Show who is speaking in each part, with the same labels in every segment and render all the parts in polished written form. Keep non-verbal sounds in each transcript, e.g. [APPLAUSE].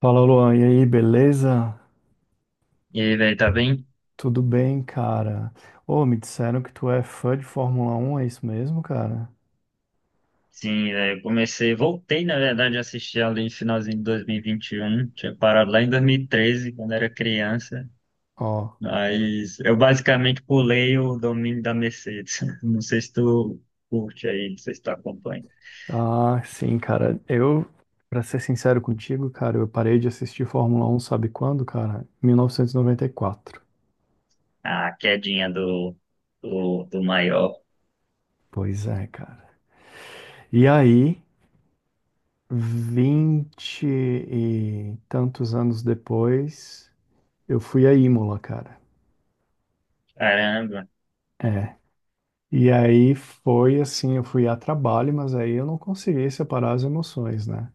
Speaker 1: Fala, Luan. E aí, beleza?
Speaker 2: E aí, velho, tá bem?
Speaker 1: Tudo bem, cara? Ô, me disseram que tu é fã de Fórmula Um, é isso mesmo, cara?
Speaker 2: Sim, velho, eu comecei, voltei, na verdade, a assistir ali no finalzinho de 2021. Tinha parado lá em 2013, quando era criança.
Speaker 1: Ó.
Speaker 2: Mas eu basicamente pulei o domínio da Mercedes. [LAUGHS] Não sei se tu curte aí, não sei se tu acompanha.
Speaker 1: Ah, sim, cara. Pra ser sincero contigo, cara, eu parei de assistir Fórmula Um, sabe quando, cara? 1994.
Speaker 2: A quedinha do maior.
Speaker 1: Pois é, cara. E aí, vinte e tantos anos depois, eu fui a Imola, cara.
Speaker 2: Caramba,
Speaker 1: É. E aí foi assim, eu fui a trabalho, mas aí eu não consegui separar as emoções, né?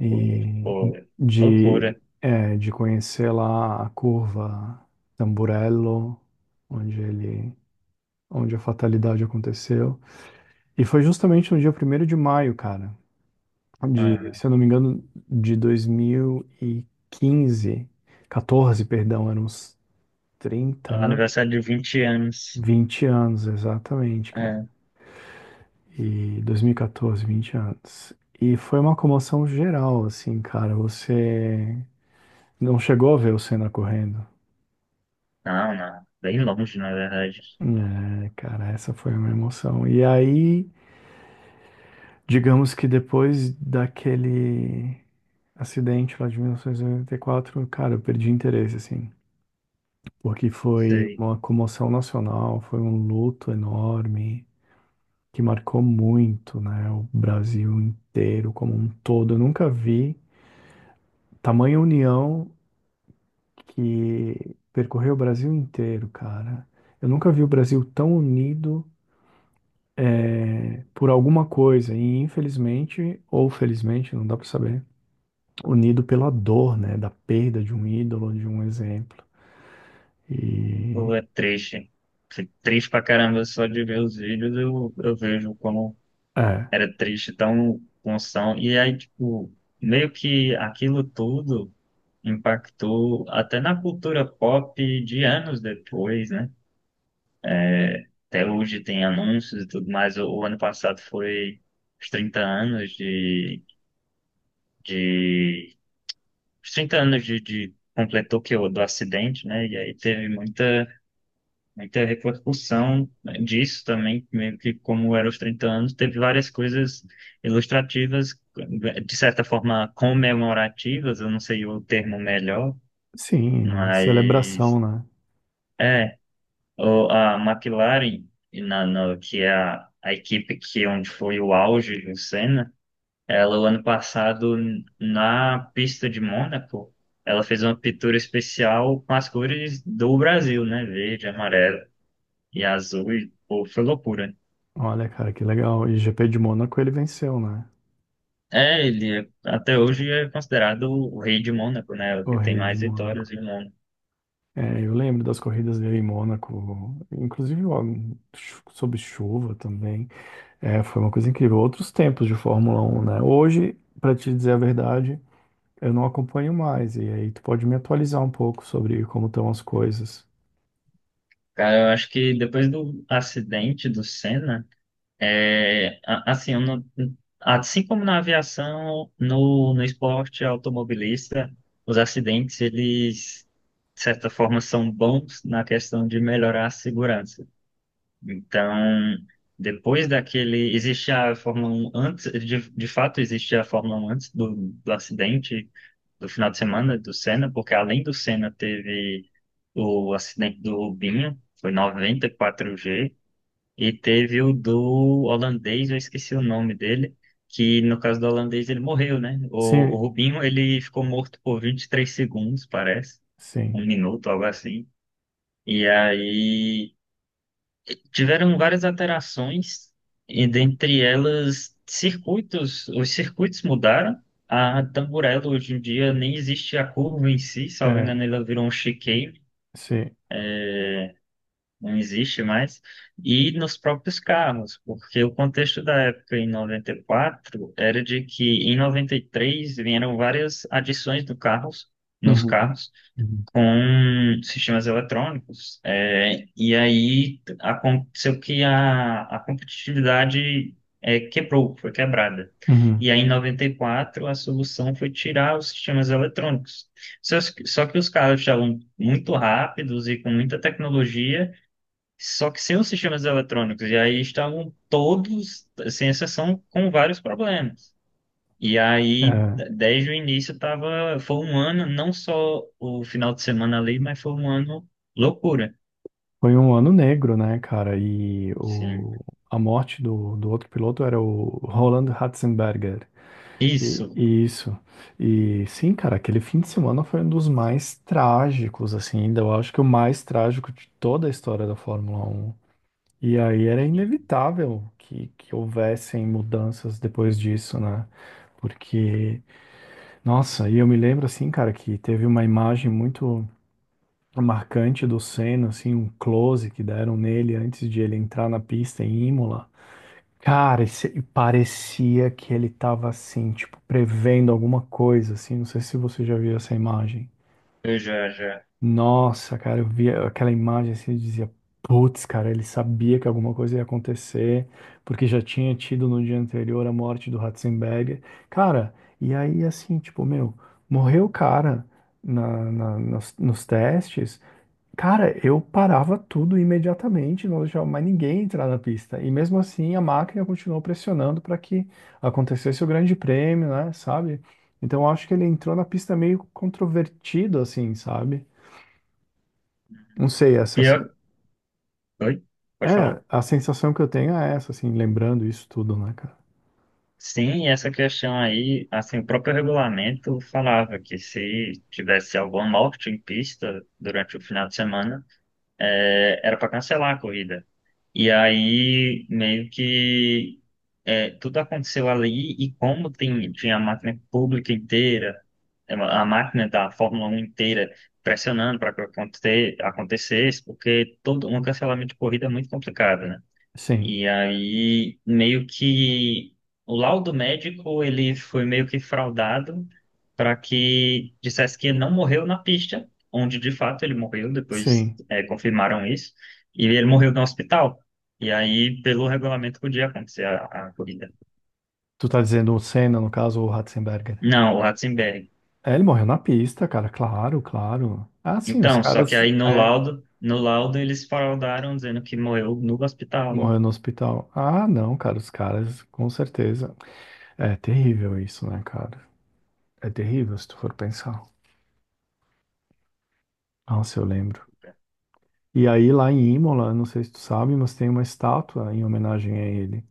Speaker 2: pô,
Speaker 1: E
Speaker 2: pô,
Speaker 1: de,
Speaker 2: loucura.
Speaker 1: de conhecer lá a curva Tamburello, onde ele, onde a fatalidade aconteceu. E foi justamente no dia primeiro de maio, cara, de,
Speaker 2: Ah,
Speaker 1: se eu não me engano, de dois mil e quinze, 14, perdão, eram uns 30 anos,
Speaker 2: aniversário de 20 anos.
Speaker 1: 20 anos, exatamente, cara.
Speaker 2: É.
Speaker 1: E 2014, 20 anos. E foi uma comoção geral, assim, cara. Você não chegou a ver o Senna correndo.
Speaker 2: Não, não, bem longe, na verdade.
Speaker 1: É, cara, essa foi uma emoção. E aí, digamos que depois daquele acidente lá de 1994, cara, eu perdi interesse, assim. Porque foi
Speaker 2: Sei.
Speaker 1: uma comoção nacional, foi um luto enorme, que marcou muito, né, o Brasil inteiro como um todo. Eu nunca vi tamanha união que percorreu o Brasil inteiro, cara. Eu nunca vi o Brasil tão unido por alguma coisa, e infelizmente, ou felizmente, não dá pra saber, unido pela dor, né, da perda de um ídolo, de um exemplo. E
Speaker 2: Pô, é triste. Fico triste pra caramba só de ver os vídeos. Eu vejo como
Speaker 1: é,
Speaker 2: era triste, tão função. E aí, tipo, meio que aquilo tudo impactou até na cultura pop de anos depois, né? Até hoje tem anúncios e tudo mais. O ano passado foi os 30 anos de, os 30 anos de completou que o do acidente, né? E aí teve muita. Aí teve a repercussão, né, disso também, meio que como era os 30 anos, teve várias coisas ilustrativas, de certa forma comemorativas, eu não sei o termo melhor,
Speaker 1: sim,
Speaker 2: mas
Speaker 1: celebração, né?
Speaker 2: é, a McLaren, e na, no- que é a equipe que onde foi o auge do Senna, ela o ano passado na pista de Mônaco, ela fez uma pintura especial com as cores do Brasil, né? Verde, amarelo e azul, e pô, foi loucura.
Speaker 1: Olha, cara, que legal. E GP de Mônaco ele venceu, né?
Speaker 2: É, até hoje é considerado o rei de Mônaco, né? O
Speaker 1: O
Speaker 2: que tem
Speaker 1: rei de
Speaker 2: mais
Speaker 1: Mônaco.
Speaker 2: vitórias em Mônaco.
Speaker 1: É, eu lembro das corridas dele em Mônaco, inclusive ó, sob chuva também. É, foi uma coisa incrível. Outros tempos de Fórmula 1, né? Hoje, pra te dizer a verdade, eu não acompanho mais. E aí tu pode me atualizar um pouco sobre como estão as coisas.
Speaker 2: Cara, eu acho que depois do acidente do Senna, é, a- assim, eu não- assim como na aviação, no esporte automobilista, os acidentes, eles, de certa forma, são bons na questão de melhorar a segurança. Então, depois daquele, existia a Fórmula 1 antes, de fato existia a Fórmula 1 antes do acidente, do final de semana do Senna, porque além do Senna teve o acidente do Rubinho, foi 94 g e teve o do holandês, eu esqueci o nome dele, que no caso do holandês ele morreu, né? O
Speaker 1: Sim,
Speaker 2: Rubinho ele ficou morto por 23 segundos, parece, um
Speaker 1: sim,
Speaker 2: minuto, algo assim. E aí tiveram várias alterações, e dentre elas, circuitos, os circuitos mudaram. A Tamburello hoje em dia nem existe a curva em si, salvo
Speaker 1: é,
Speaker 2: engano, ela virou um chicane,
Speaker 1: sim.
Speaker 2: não existe mais. E nos próprios carros, porque o contexto da época em 94 era de que em 93 vieram várias adições do carros, nos
Speaker 1: Uhum,
Speaker 2: carros
Speaker 1: uhum,
Speaker 2: com sistemas eletrônicos. E aí aconteceu que a competitividade quebrou, foi quebrada.
Speaker 1: uhum.
Speaker 2: E aí, em 94 a solução foi tirar os sistemas eletrônicos. Só, só que os carros estavam muito rápidos e com muita tecnologia, só que sem os sistemas eletrônicos. E aí estavam todos, sem exceção, com vários problemas. E aí,
Speaker 1: É,
Speaker 2: desde o início, tava, foi um ano, não só o final de semana ali, mas foi um ano loucura.
Speaker 1: foi um ano negro, né, cara?
Speaker 2: Sim.
Speaker 1: A morte do outro piloto era o Roland Ratzenberger.
Speaker 2: Isso.
Speaker 1: Isso. E sim, cara, aquele fim de semana foi um dos mais trágicos, assim, ainda eu acho que o mais trágico de toda a história da Fórmula Um. E aí era
Speaker 2: Sim.
Speaker 1: inevitável que houvessem mudanças depois disso, né? Porque, nossa, e eu me lembro, assim, cara, que teve uma imagem muito marcante do Senna, assim, um close que deram nele antes de ele entrar na pista em Imola. Cara, e parecia que ele tava assim, tipo, prevendo alguma coisa, assim. Não sei se você já viu essa imagem.
Speaker 2: Eu já, já.
Speaker 1: Nossa, cara, eu via aquela imagem assim e dizia, putz, cara, ele sabia que alguma coisa ia acontecer, porque já tinha tido no dia anterior a morte do Ratzenberger. Cara, e aí assim, tipo, meu, morreu o cara nos testes. Cara, eu parava tudo imediatamente, não deixava mais ninguém entrar na pista. E mesmo assim, a máquina continuou pressionando para que acontecesse o Grande Prêmio, né? Sabe? Então, eu acho que ele entrou na pista meio controvertido, assim, sabe? Não sei, essa se-
Speaker 2: Pior... Oi? Pode
Speaker 1: é
Speaker 2: falar.
Speaker 1: a sensação que eu tenho é essa, assim, lembrando isso tudo, né, cara?
Speaker 2: Sim, e essa questão aí, assim, o próprio regulamento falava que se tivesse alguma morte em pista durante o final de semana, era para cancelar a corrida. E aí, meio que tudo aconteceu ali, e como tem, tinha a máquina pública inteira, a máquina da Fórmula Um inteira pressionando para acontecer acontecesse, porque todo um cancelamento de corrida é muito complicado, né?
Speaker 1: Sim,
Speaker 2: E aí, meio que o laudo médico ele foi meio que fraudado para que dissesse que ele não morreu na pista, onde de fato ele morreu, depois
Speaker 1: sim.
Speaker 2: confirmaram isso, e ele morreu no hospital. E aí, pelo regulamento, podia acontecer a corrida.
Speaker 1: Tu tá dizendo o Senna, no caso, ou o Ratzenberger?
Speaker 2: Não, o Ratzenberger.
Speaker 1: É, ele morreu na pista, cara, claro, claro. Ah, sim, os
Speaker 2: Então, só que
Speaker 1: caras.
Speaker 2: aí
Speaker 1: É,
Speaker 2: no laudo eles faroldaram dizendo que morreu no hospital, né?
Speaker 1: Morreu no hospital. Ah, não, cara, os caras, com certeza. É terrível isso, né, cara? É terrível se tu for pensar. Nossa, eu lembro. E aí, lá em Imola, não sei se tu sabe, mas tem uma estátua em homenagem a ele.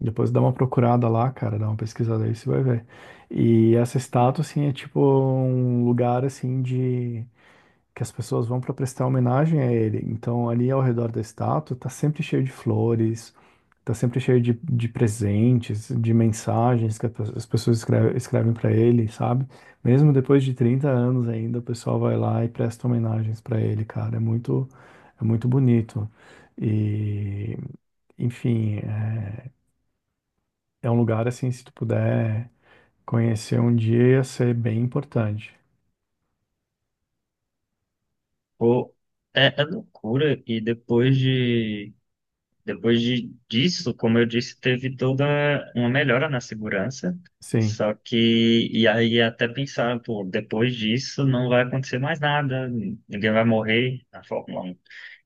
Speaker 1: Depois dá uma procurada lá, cara, dá uma pesquisada aí, você vai ver. E essa estátua, assim, é tipo um lugar, assim, de... que as pessoas vão para prestar homenagem a ele. Então, ali ao redor da estátua, tá sempre cheio de flores, tá sempre cheio de presentes, de mensagens que as pessoas escrevem para ele, sabe? Mesmo depois de 30 anos ainda, o pessoal vai lá e presta homenagens para ele, cara. É muito bonito. E, enfim, é, é um lugar assim, se tu puder conhecer um dia, ia ser bem importante.
Speaker 2: Pô, é loucura. E depois de, disso, como eu disse, teve toda uma melhora na segurança.
Speaker 1: Sim.
Speaker 2: Só que, e aí até pensar, pô, depois disso não vai acontecer mais nada, ninguém vai morrer na Fórmula 1.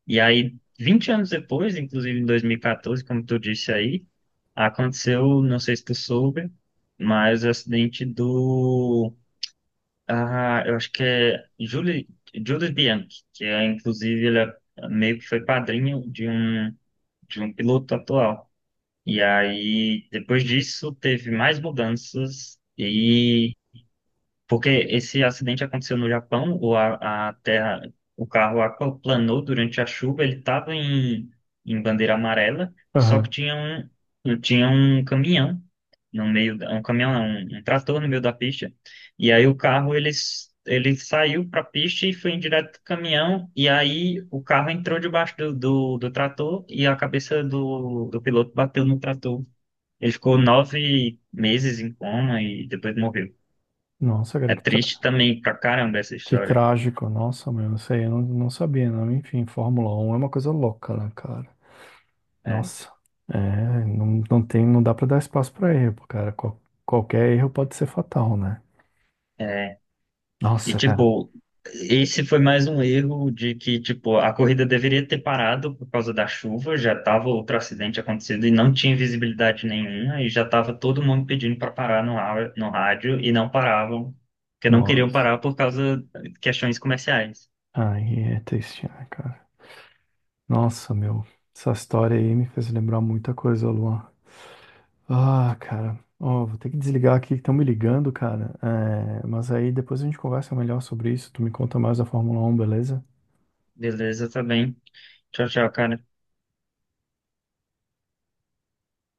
Speaker 2: E aí, 20 anos depois, inclusive em 2014, como tu disse aí, aconteceu, não sei se tu soube, mas o acidente do. Ah, eu acho que é Julie Bianchi, que é, inclusive, meio que foi padrinho de um piloto atual. E aí, depois disso, teve mais mudanças e porque esse acidente aconteceu no Japão, ou a terra, o carro aquaplanou durante a chuva, ele estava em bandeira amarela, só que
Speaker 1: Aham.
Speaker 2: tinha um caminhão no meio, um caminhão não, um trator no meio da pista, e aí o carro, ele saiu para a pista e foi em direto do caminhão, e aí o carro entrou debaixo do trator e a cabeça do piloto bateu no trator. Ele ficou 9 meses em coma e depois morreu.
Speaker 1: Nossa, cara,
Speaker 2: É
Speaker 1: que,
Speaker 2: triste
Speaker 1: tra-
Speaker 2: também pra caramba essa
Speaker 1: que
Speaker 2: história.
Speaker 1: trágico. Nossa, meu, isso aí eu não, não sabia, não. Enfim, Fórmula Um é uma coisa louca, né, cara?
Speaker 2: É,
Speaker 1: Nossa, é, não tem, não dá pra dar espaço pra erro, cara. Qualquer erro pode ser fatal, né?
Speaker 2: é. E,
Speaker 1: Nossa, cara.
Speaker 2: tipo, esse foi mais um erro de que, tipo, a corrida deveria ter parado por causa da chuva, já tava outro acidente acontecendo e não tinha visibilidade nenhuma, e já tava todo mundo pedindo para parar no rádio e não paravam, porque não queriam
Speaker 1: Nossa,
Speaker 2: parar por causa de questões comerciais.
Speaker 1: aí é triste, né, cara? Nossa, meu, essa história aí me fez lembrar muita coisa, Luan. Ah, cara, ó, vou ter que desligar aqui que estão me ligando, cara. É, mas aí depois a gente conversa melhor sobre isso. Tu me conta mais da Fórmula Um, beleza?
Speaker 2: Beleza, tá bem. Tchau, tchau, cara.